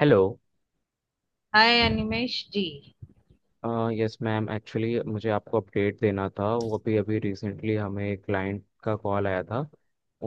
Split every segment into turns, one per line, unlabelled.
Hello.
Hi Animesh ji.
Yes ma'am. Actually मुझे आपको update देना था। वो अभी अभी रिसेंटली हमें क्लाइंट का कॉल आया था।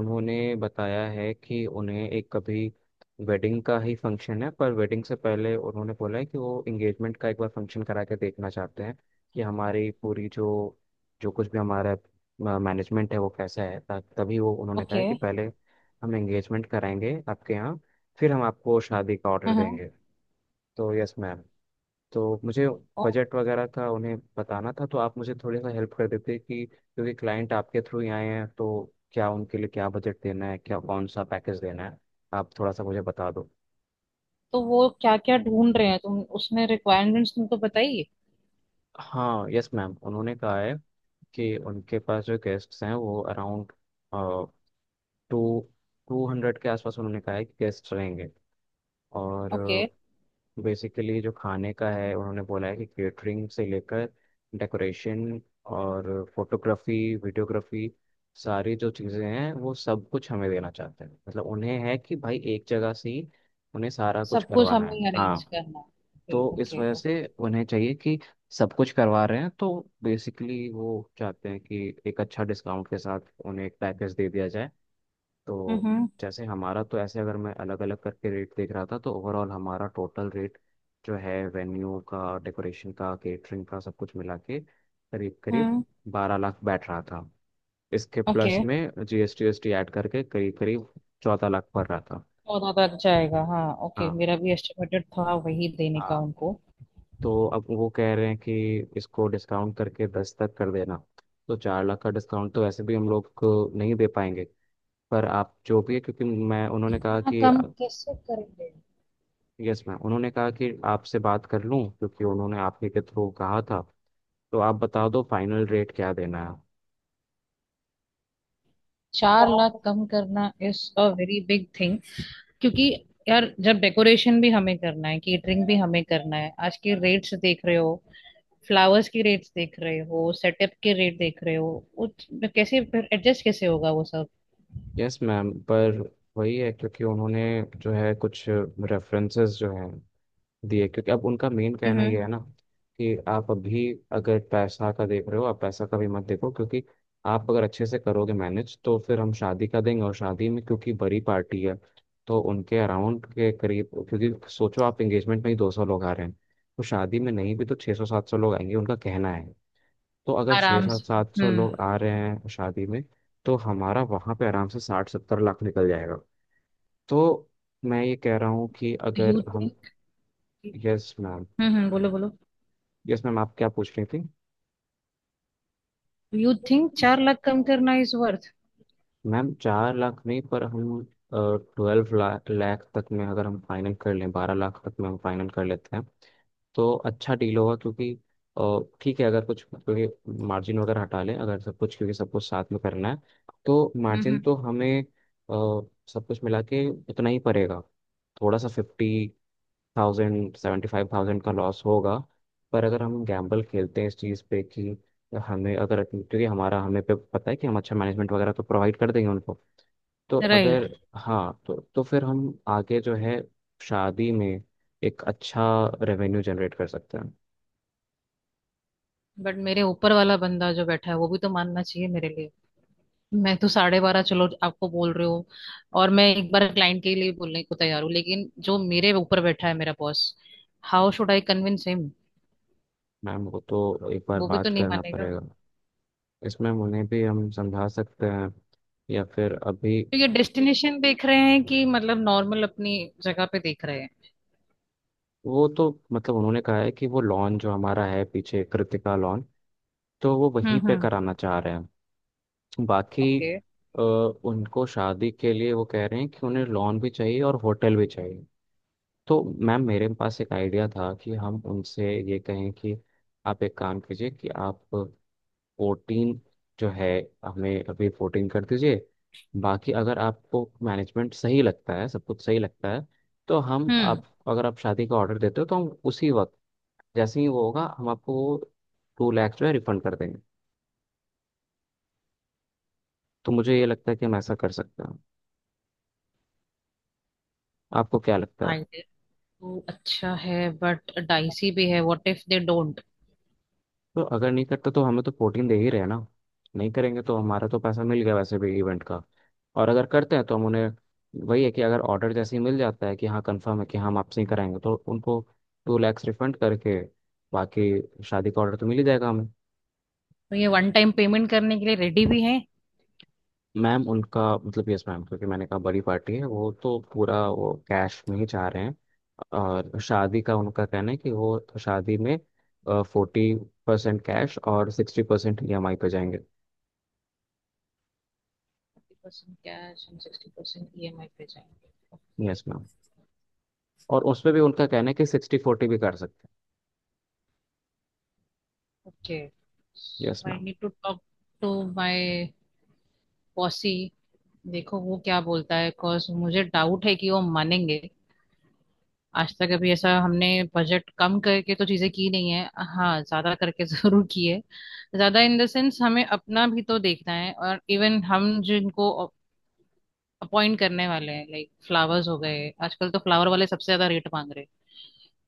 उन्होंने बताया है कि उन्हें एक अभी वेडिंग का ही फंक्शन है, पर वेडिंग से पहले उन्होंने बोला है कि वो इंगेजमेंट का एक बार फंक्शन करा के देखना चाहते हैं कि हमारी पूरी जो जो कुछ भी हमारा मैनेजमेंट है वो कैसा है। तभी वो उन्होंने कहा
ओके।
है कि पहले हम एंगेजमेंट कराएंगे आपके यहाँ, फिर हम आपको शादी का ऑर्डर
हाँ।
देंगे। तो यस मैम, तो मुझे
और
बजट वगैरह का उन्हें बताना था। तो आप मुझे थोड़ी सा हेल्प कर देते कि, क्योंकि क्लाइंट आपके थ्रू ही आए हैं। तो क्या उनके लिए क्या बजट देना है, क्या कौन सा पैकेज देना है, आप थोड़ा सा मुझे बता दो।
तो वो क्या क्या ढूंढ रहे हैं, तुम उसमें रिक्वायरमेंट्स तुमको बताइए।
हाँ यस मैम, उन्होंने कहा है कि उनके पास जो गेस्ट्स हैं वो अराउंड टू 200 के आसपास उन्होंने कहा है कि गेस्ट रहेंगे। और
ओके,
बेसिकली जो खाने का है उन्होंने बोला है कि केटरिंग से लेकर डेकोरेशन और फोटोग्राफी वीडियोग्राफी सारी जो चीज़ें हैं वो सब कुछ हमें देना चाहते हैं। मतलब उन्हें है कि भाई एक जगह से ही उन्हें सारा कुछ
सब कुछ
करवाना है।
हमें अरेंज
हाँ,
करना है।
तो इस
ओके
वजह से
ओके।
उन्हें चाहिए कि सब कुछ करवा रहे हैं, तो बेसिकली वो चाहते हैं कि एक अच्छा डिस्काउंट के साथ उन्हें एक पैकेज दे दिया जाए। तो
हम्म
जैसे हमारा तो ऐसे अगर मैं अलग अलग करके रेट देख रहा था तो ओवरऑल हमारा टोटल रेट जो है वेन्यू का डेकोरेशन का केटरिंग का सब कुछ मिला के करीब करीब
हम्म।
12 लाख बैठ रहा था। इसके
ओके,
प्लस में जीएसटी वीएसटी ऐड करके करीब करीब 14 लाख पड़ रहा था।
चौदह तक जाएगा, हाँ। ओके,
हाँ
मेरा भी एस्टिमेटेड था वही देने का
हाँ।
उनको।
तो अब वो कह रहे हैं कि इसको डिस्काउंट करके 10 तक कर देना। तो चार लाख का डिस्काउंट तो वैसे भी हम लोग को नहीं दे पाएंगे। पर आप जो भी है, क्योंकि मैं उन्होंने कहा
ना
कि,
कम कैसे करेंगे?
यस मैम, उन्होंने कहा कि आपसे बात कर लूं क्योंकि उन्होंने आप ही के थ्रू कहा था। तो आप बता दो फाइनल रेट क्या देना
चार लाख
है।
कम करना is a very big thing. क्योंकि यार, जब डेकोरेशन भी हमें करना है, केटरिंग भी हमें करना है, आज के रेट्स देख रहे हो, फ्लावर्स की रेट्स देख रहे हो, सेटअप के रेट देख रहे हो, उस कैसे फिर एडजस्ट कैसे होगा वो सब।
यस मैम, पर वही है क्योंकि उन्होंने जो है कुछ रेफरेंसेस जो हैं दिए, क्योंकि अब उनका मेन कहना
हम्म।
ये है ना कि आप अभी अगर पैसा का देख रहे हो, आप पैसा का भी मत देखो, क्योंकि आप अगर अच्छे से करोगे मैनेज तो फिर हम शादी का देंगे। और शादी में क्योंकि बड़ी पार्टी है, तो उनके अराउंड के करीब, क्योंकि सोचो आप एंगेजमेंट में ही 200 लोग आ रहे हैं, तो शादी में नहीं भी तो 600 700 लोग आएंगे, उनका कहना है। तो अगर छः
आराम
सौ
से।
700
हम्म।
लोग आ रहे हैं शादी में तो हमारा वहाँ पे आराम से 60 70 लाख निकल जाएगा। तो मैं ये कह रहा हूँ कि
डू यू
अगर हम,
थिंक।
यस मैम,
बोलो बोलो।
यस मैम, आप क्या पूछ रही थी।
डू यू थिंक चार लाख कम करना इज वर्थ?
मैम 4 लाख नहीं, पर हम ट्वेल्व लाख लाख तक में अगर हम फाइनल कर लें, 12 लाख तक में हम फाइनल कर लेते हैं तो अच्छा डील होगा। क्योंकि ठीक है अगर कुछ, क्योंकि मार्जिन वगैरह हटा लें अगर, सब कुछ क्योंकि सब कुछ साथ में करना है, तो मार्जिन
हम्म।
तो हमें, सब कुछ मिला के उतना ही पड़ेगा। थोड़ा सा 50,000 75,000 का लॉस होगा। पर अगर हम गैम्बल खेलते हैं इस चीज़ पे कि हमें अगर, क्योंकि हमारा हमें पे पता है कि हम अच्छा मैनेजमेंट वगैरह तो प्रोवाइड कर देंगे उनको, तो
राइट।
अगर, हाँ, तो फिर हम आगे जो है शादी में एक अच्छा रेवेन्यू जनरेट कर सकते हैं।
बट मेरे ऊपर वाला बंदा जो बैठा है वो भी तो मानना चाहिए मेरे लिए। मैं तो साढ़े बारह चलो आपको बोल रही हूँ, और मैं एक बार क्लाइंट के लिए बोलने को तैयार हूँ, लेकिन जो मेरे ऊपर बैठा है मेरा boss, how should I convince him?
Ma'am वो तो एक बार
वो भी तो
बात
नहीं
करना
मानेगा।
पड़ेगा। इसमें उन्हें भी हम समझा सकते हैं, या फिर अभी,
तो ये डेस्टिनेशन देख रहे हैं कि मतलब नॉर्मल अपनी जगह पे देख रहे हैं?
वो तो मतलब उन्होंने कहा है कि वो लॉन जो हमारा है पीछे, कृतिका लॉन, तो वो वहीं पे
हम्म।
कराना चाह रहे हैं। बाकी,
ओके।
अ, उनको शादी के लिए वो कह रहे हैं कि उन्हें लॉन भी चाहिए और होटल भी चाहिए। तो मैम मेरे पास एक आइडिया था कि हम उनसे ये कहें कि आप एक काम कीजिए कि आप 14 जो है, हमें अभी 14 कर दीजिए। बाकी अगर आपको मैनेजमेंट सही लगता है, सब कुछ सही लगता है, तो हम
हम्म।
आप, अगर आप शादी का ऑर्डर देते हो तो हम उसी वक्त जैसे ही वो होगा हम आपको 2 लाख जो है रिफंड कर देंगे। तो मुझे ये लगता है कि हम ऐसा कर सकते हैं, आपको क्या लगता है।
आइडिया तो अच्छा है, बट डाइसी भी है। What if they don't?
तो अगर नहीं करता तो हमें तो 14 दे ही रहे हैं ना, नहीं करेंगे तो हमारा तो पैसा मिल गया वैसे भी इवेंट का। और अगर करते हैं तो हम उन्हें, वही है कि अगर ऑर्डर जैसे ही मिल जाता है कि हाँ कंफर्म है कि हाँ, हम आपसे ही कराएंगे, तो उनको 2 लाख रिफंड करके बाकी शादी का ऑर्डर तो मिल ही जाएगा हमें।
तो ये वन टाइम पेमेंट करने के लिए रेडी भी हैं?
मैम उनका मतलब, यस मैम, क्योंकि मैंने कहा बड़ी पार्टी है, वो तो पूरा वो कैश में ही चाह रहे हैं। और शादी का उनका कहना है कि वो तो शादी में 40% कैश और 60% EMI पे जाएंगे।
50% कैश एंड 60% ईएमआई पे जाएंगे। ओके
यस मैम, और उसमें भी उनका कहना है कि 60-40 भी कर सकते
ओके।
हैं। Yes
I
ma'am.
Need to talk to my boss. देखो वो क्या बोलता है, बिकॉज मुझे डाउट है कि वो मानेंगे। आज तक अभी ऐसा हमने बजट कम करके तो चीजें की नहीं है। हाँ, ज्यादा करके जरूर की है। ज्यादा इन द सेंस हमें अपना भी तो देखना है, और इवन हम जिनको अपॉइंट करने वाले हैं, लाइक फ्लावर्स हो गए, आजकल तो फ्लावर वाले सबसे ज्यादा रेट मांग रहे हैं।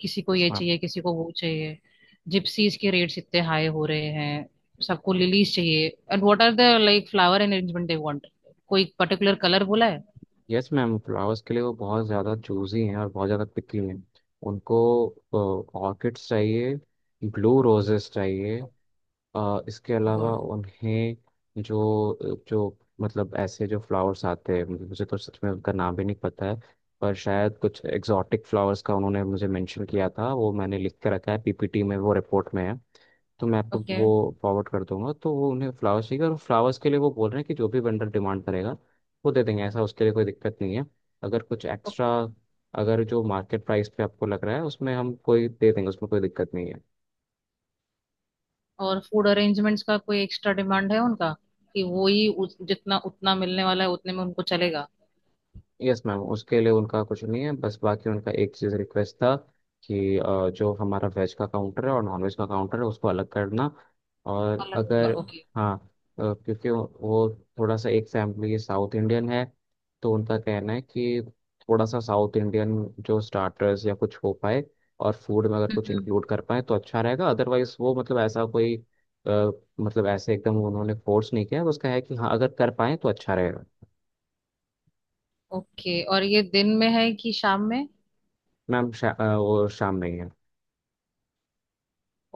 किसी को
यस
ये
मैम।
चाहिए, किसी को वो चाहिए। जिप्सीज के रेट्स इतने हाई हो रहे हैं, सबको लिलीज चाहिए। And what are the like flower arrangement they want? कोई पर्टिकुलर कलर बोला है?
यस मैम, फ्लावर्स के लिए वो बहुत ज़्यादा चूजी हैं और बहुत ज़्यादा पिकी हैं। उनको ऑर्किड्स चाहिए, ब्लू रोजेस चाहिए, इसके अलावा उन्हें जो जो मतलब ऐसे जो फ्लावर्स आते हैं, मुझे तो सच में उनका नाम भी नहीं पता है। पर शायद कुछ एग्जॉटिक फ्लावर्स का उन्होंने मुझे मेंशन किया था, वो मैंने लिख के रखा है पीपीटी में, वो रिपोर्ट में है। तो मैं आपको
ओके।
वो फॉरवर्ड कर दूंगा। तो वो, उन्हें फ्लावर्स चाहिए और फ्लावर्स के लिए वो बोल रहे हैं कि जो भी वेंडर डिमांड करेगा वो दे देंगे, ऐसा उसके लिए कोई दिक्कत नहीं है। अगर कुछ एक्स्ट्रा, अगर जो मार्केट प्राइस पे आपको लग रहा है, उसमें हम कोई दे देंगे उसमें कोई दिक्कत नहीं है।
और फूड अरेंजमेंट्स का कोई एक्स्ट्रा डिमांड है उनका? कि वो ही जितना उतना मिलने वाला है उतने में उनको चलेगा?
यस मैम, उसके लिए उनका कुछ नहीं है, बस बाकी उनका एक चीज़ रिक्वेस्ट था कि जो हमारा वेज का काउंटर है और नॉन वेज का काउंटर है उसको अलग करना। और
अलग होगा,
अगर,
ओके।
हाँ, क्योंकि वो थोड़ा सा एक फैमिली साउथ इंडियन है, तो उनका कहना है कि थोड़ा सा साउथ इंडियन जो स्टार्टर्स या कुछ हो पाए और फूड में अगर कुछ
हम्म।
इंक्लूड कर पाए तो अच्छा रहेगा। अदरवाइज वो मतलब ऐसा कोई, अ, मतलब ऐसे एकदम उन्होंने फोर्स नहीं किया, उसका है कि हाँ अगर कर पाए तो अच्छा रहेगा।
ओके। और ये दिन में है कि शाम में?
मैम वो शाम में ही है।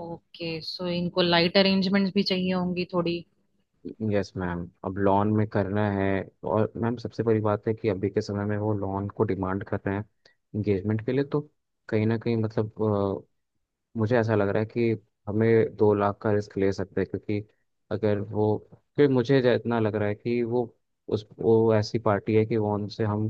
ओके, सो इनको लाइट अरेंजमेंट्स भी चाहिए होंगी थोड़ी।
यस मैम, अब लॉन में करना है। और मैम सबसे बड़ी बात है कि अभी के समय में वो लॉन को डिमांड कर रहे हैं इंगेजमेंट के लिए, तो कहीं ना कहीं मतलब मुझे ऐसा लग रहा है कि हमें 2 लाख का रिस्क ले सकते हैं, क्योंकि अगर वो, क्योंकि मुझे इतना लग रहा है कि वो, उस, वो ऐसी पार्टी है कि वो उनसे हम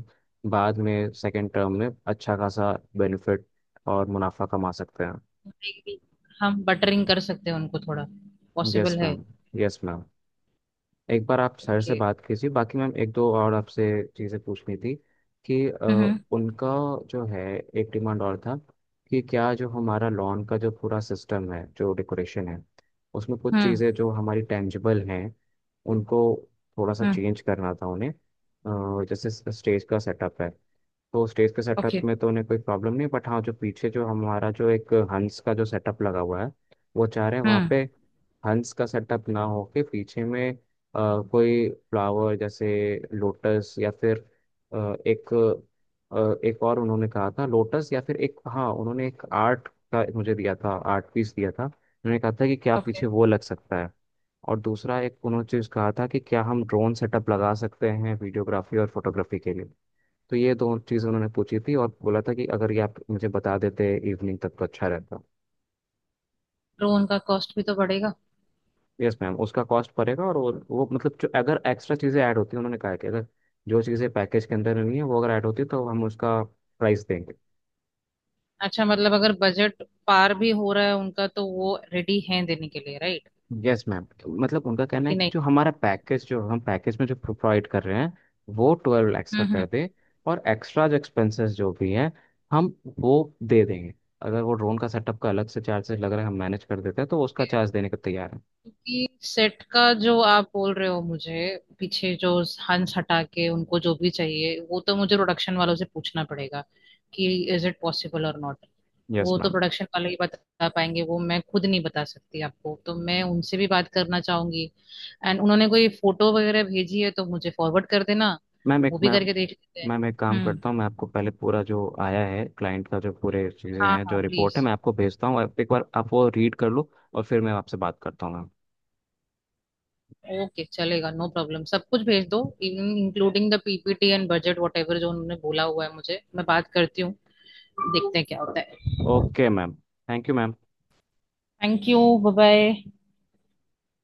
बाद में सेकेंड टर्म में अच्छा खासा बेनिफिट और मुनाफा कमा सकते हैं।
Maybe। हम बटरिंग कर सकते हैं उनको थोड़ा,
यस
पॉसिबल है?
मैम। यस मैम, एक बार आप सर से
ओके।
बात कीजिए, बाकी मैम एक दो और आपसे चीज़ें पूछनी थी कि
हम्म
उनका जो है एक डिमांड और था कि, क्या जो हमारा लॉन का जो पूरा सिस्टम है, जो डेकोरेशन है, उसमें कुछ
हम्म।
चीज़ें जो हमारी टेंजिबल हैं उनको थोड़ा सा
हम्म।
चेंज करना था उन्हें। जैसे स्टेज का सेटअप है, तो स्टेज के सेटअप
ओके।
में तो उन्हें कोई प्रॉब्लम नहीं, बट हाँ जो पीछे जो हमारा जो एक हंस का जो सेटअप लगा हुआ है, वो चाह रहे हैं वहाँ
हम्म।
पे हंस का सेटअप ना हो के पीछे में कोई फ्लावर जैसे लोटस या फिर, एक, एक और उन्होंने कहा था लोटस या फिर एक, हाँ, उन्होंने एक आर्ट का मुझे दिया था, आर्ट पीस दिया था, उन्होंने कहा था कि क्या
ओके।
पीछे वो लग सकता है। और दूसरा एक उन्होंने चीज़ कहा था कि क्या हम ड्रोन सेटअप लगा सकते हैं वीडियोग्राफी और फोटोग्राफी के लिए। तो ये दो चीज़ उन्होंने पूछी थी और बोला था कि अगर ये आप मुझे बता देते इवनिंग तक तो अच्छा रहता।
तो उनका कॉस्ट भी तो बढ़ेगा।
यस मैम, उसका कॉस्ट पड़ेगा, और वो मतलब जो अगर एक्स्ट्रा चीज़ें ऐड होती हैं, उन्होंने कहा है कि अगर जो चीज़ें पैकेज के अंदर नहीं है वो अगर ऐड होती है तो हम उसका प्राइस देंगे।
अच्छा, मतलब अगर बजट पार भी हो रहा है उनका तो वो रेडी हैं देने के लिए, राइट?
यस मैम, मतलब उनका कहना
कि
है कि
नहीं?
जो हमारा पैकेज, जो हम पैकेज में जो प्रोवाइड कर रहे हैं वो 12 लाख का
हम्म
कर दे, और एक्स्ट्रा जो एक्सपेंसेस जो भी हैं हम वो दे देंगे। अगर वो ड्रोन का सेटअप का अलग से चार्जेस लग रहा है, हम मैनेज कर देते हैं तो उसका
हम्म।
चार्ज देने को तैयार है।
क्योंकि सेट का जो आप बोल रहे हो मुझे, पीछे जो हंस हटा के उनको जो भी चाहिए, वो तो मुझे प्रोडक्शन वालों से पूछना पड़ेगा कि is it possible or not.
Yes
वो तो
मैम।
प्रोडक्शन वाले ही बता पाएंगे, वो मैं खुद नहीं बता सकती आपको, तो मैं उनसे भी बात करना चाहूंगी। एंड उन्होंने कोई फोटो वगैरह भेजी है तो मुझे फॉरवर्ड कर देना,
मैम एक
वो भी
मैम
करके देख लेते हैं।
मैम एक काम
हम्म।
करता हूँ, मैं आपको पहले पूरा जो आया है क्लाइंट का, जो पूरे चीज़ें
हाँ
हैं,
हाँ
जो रिपोर्ट है,
प्लीज।
मैं आपको भेजता हूँ। आप एक बार आप वो रीड कर लो और फिर मैं आपसे बात करता हूँ मैम।
ओके, चलेगा, नो प्रॉब्लम। सब कुछ भेज दो, including the PPT and budget whatever जो उन्होंने बोला हुआ है मुझे। मैं बात करती हूँ, देखते हैं क्या होता है।
Okay ma'am, thank you ma'am.
Thank you, bye bye.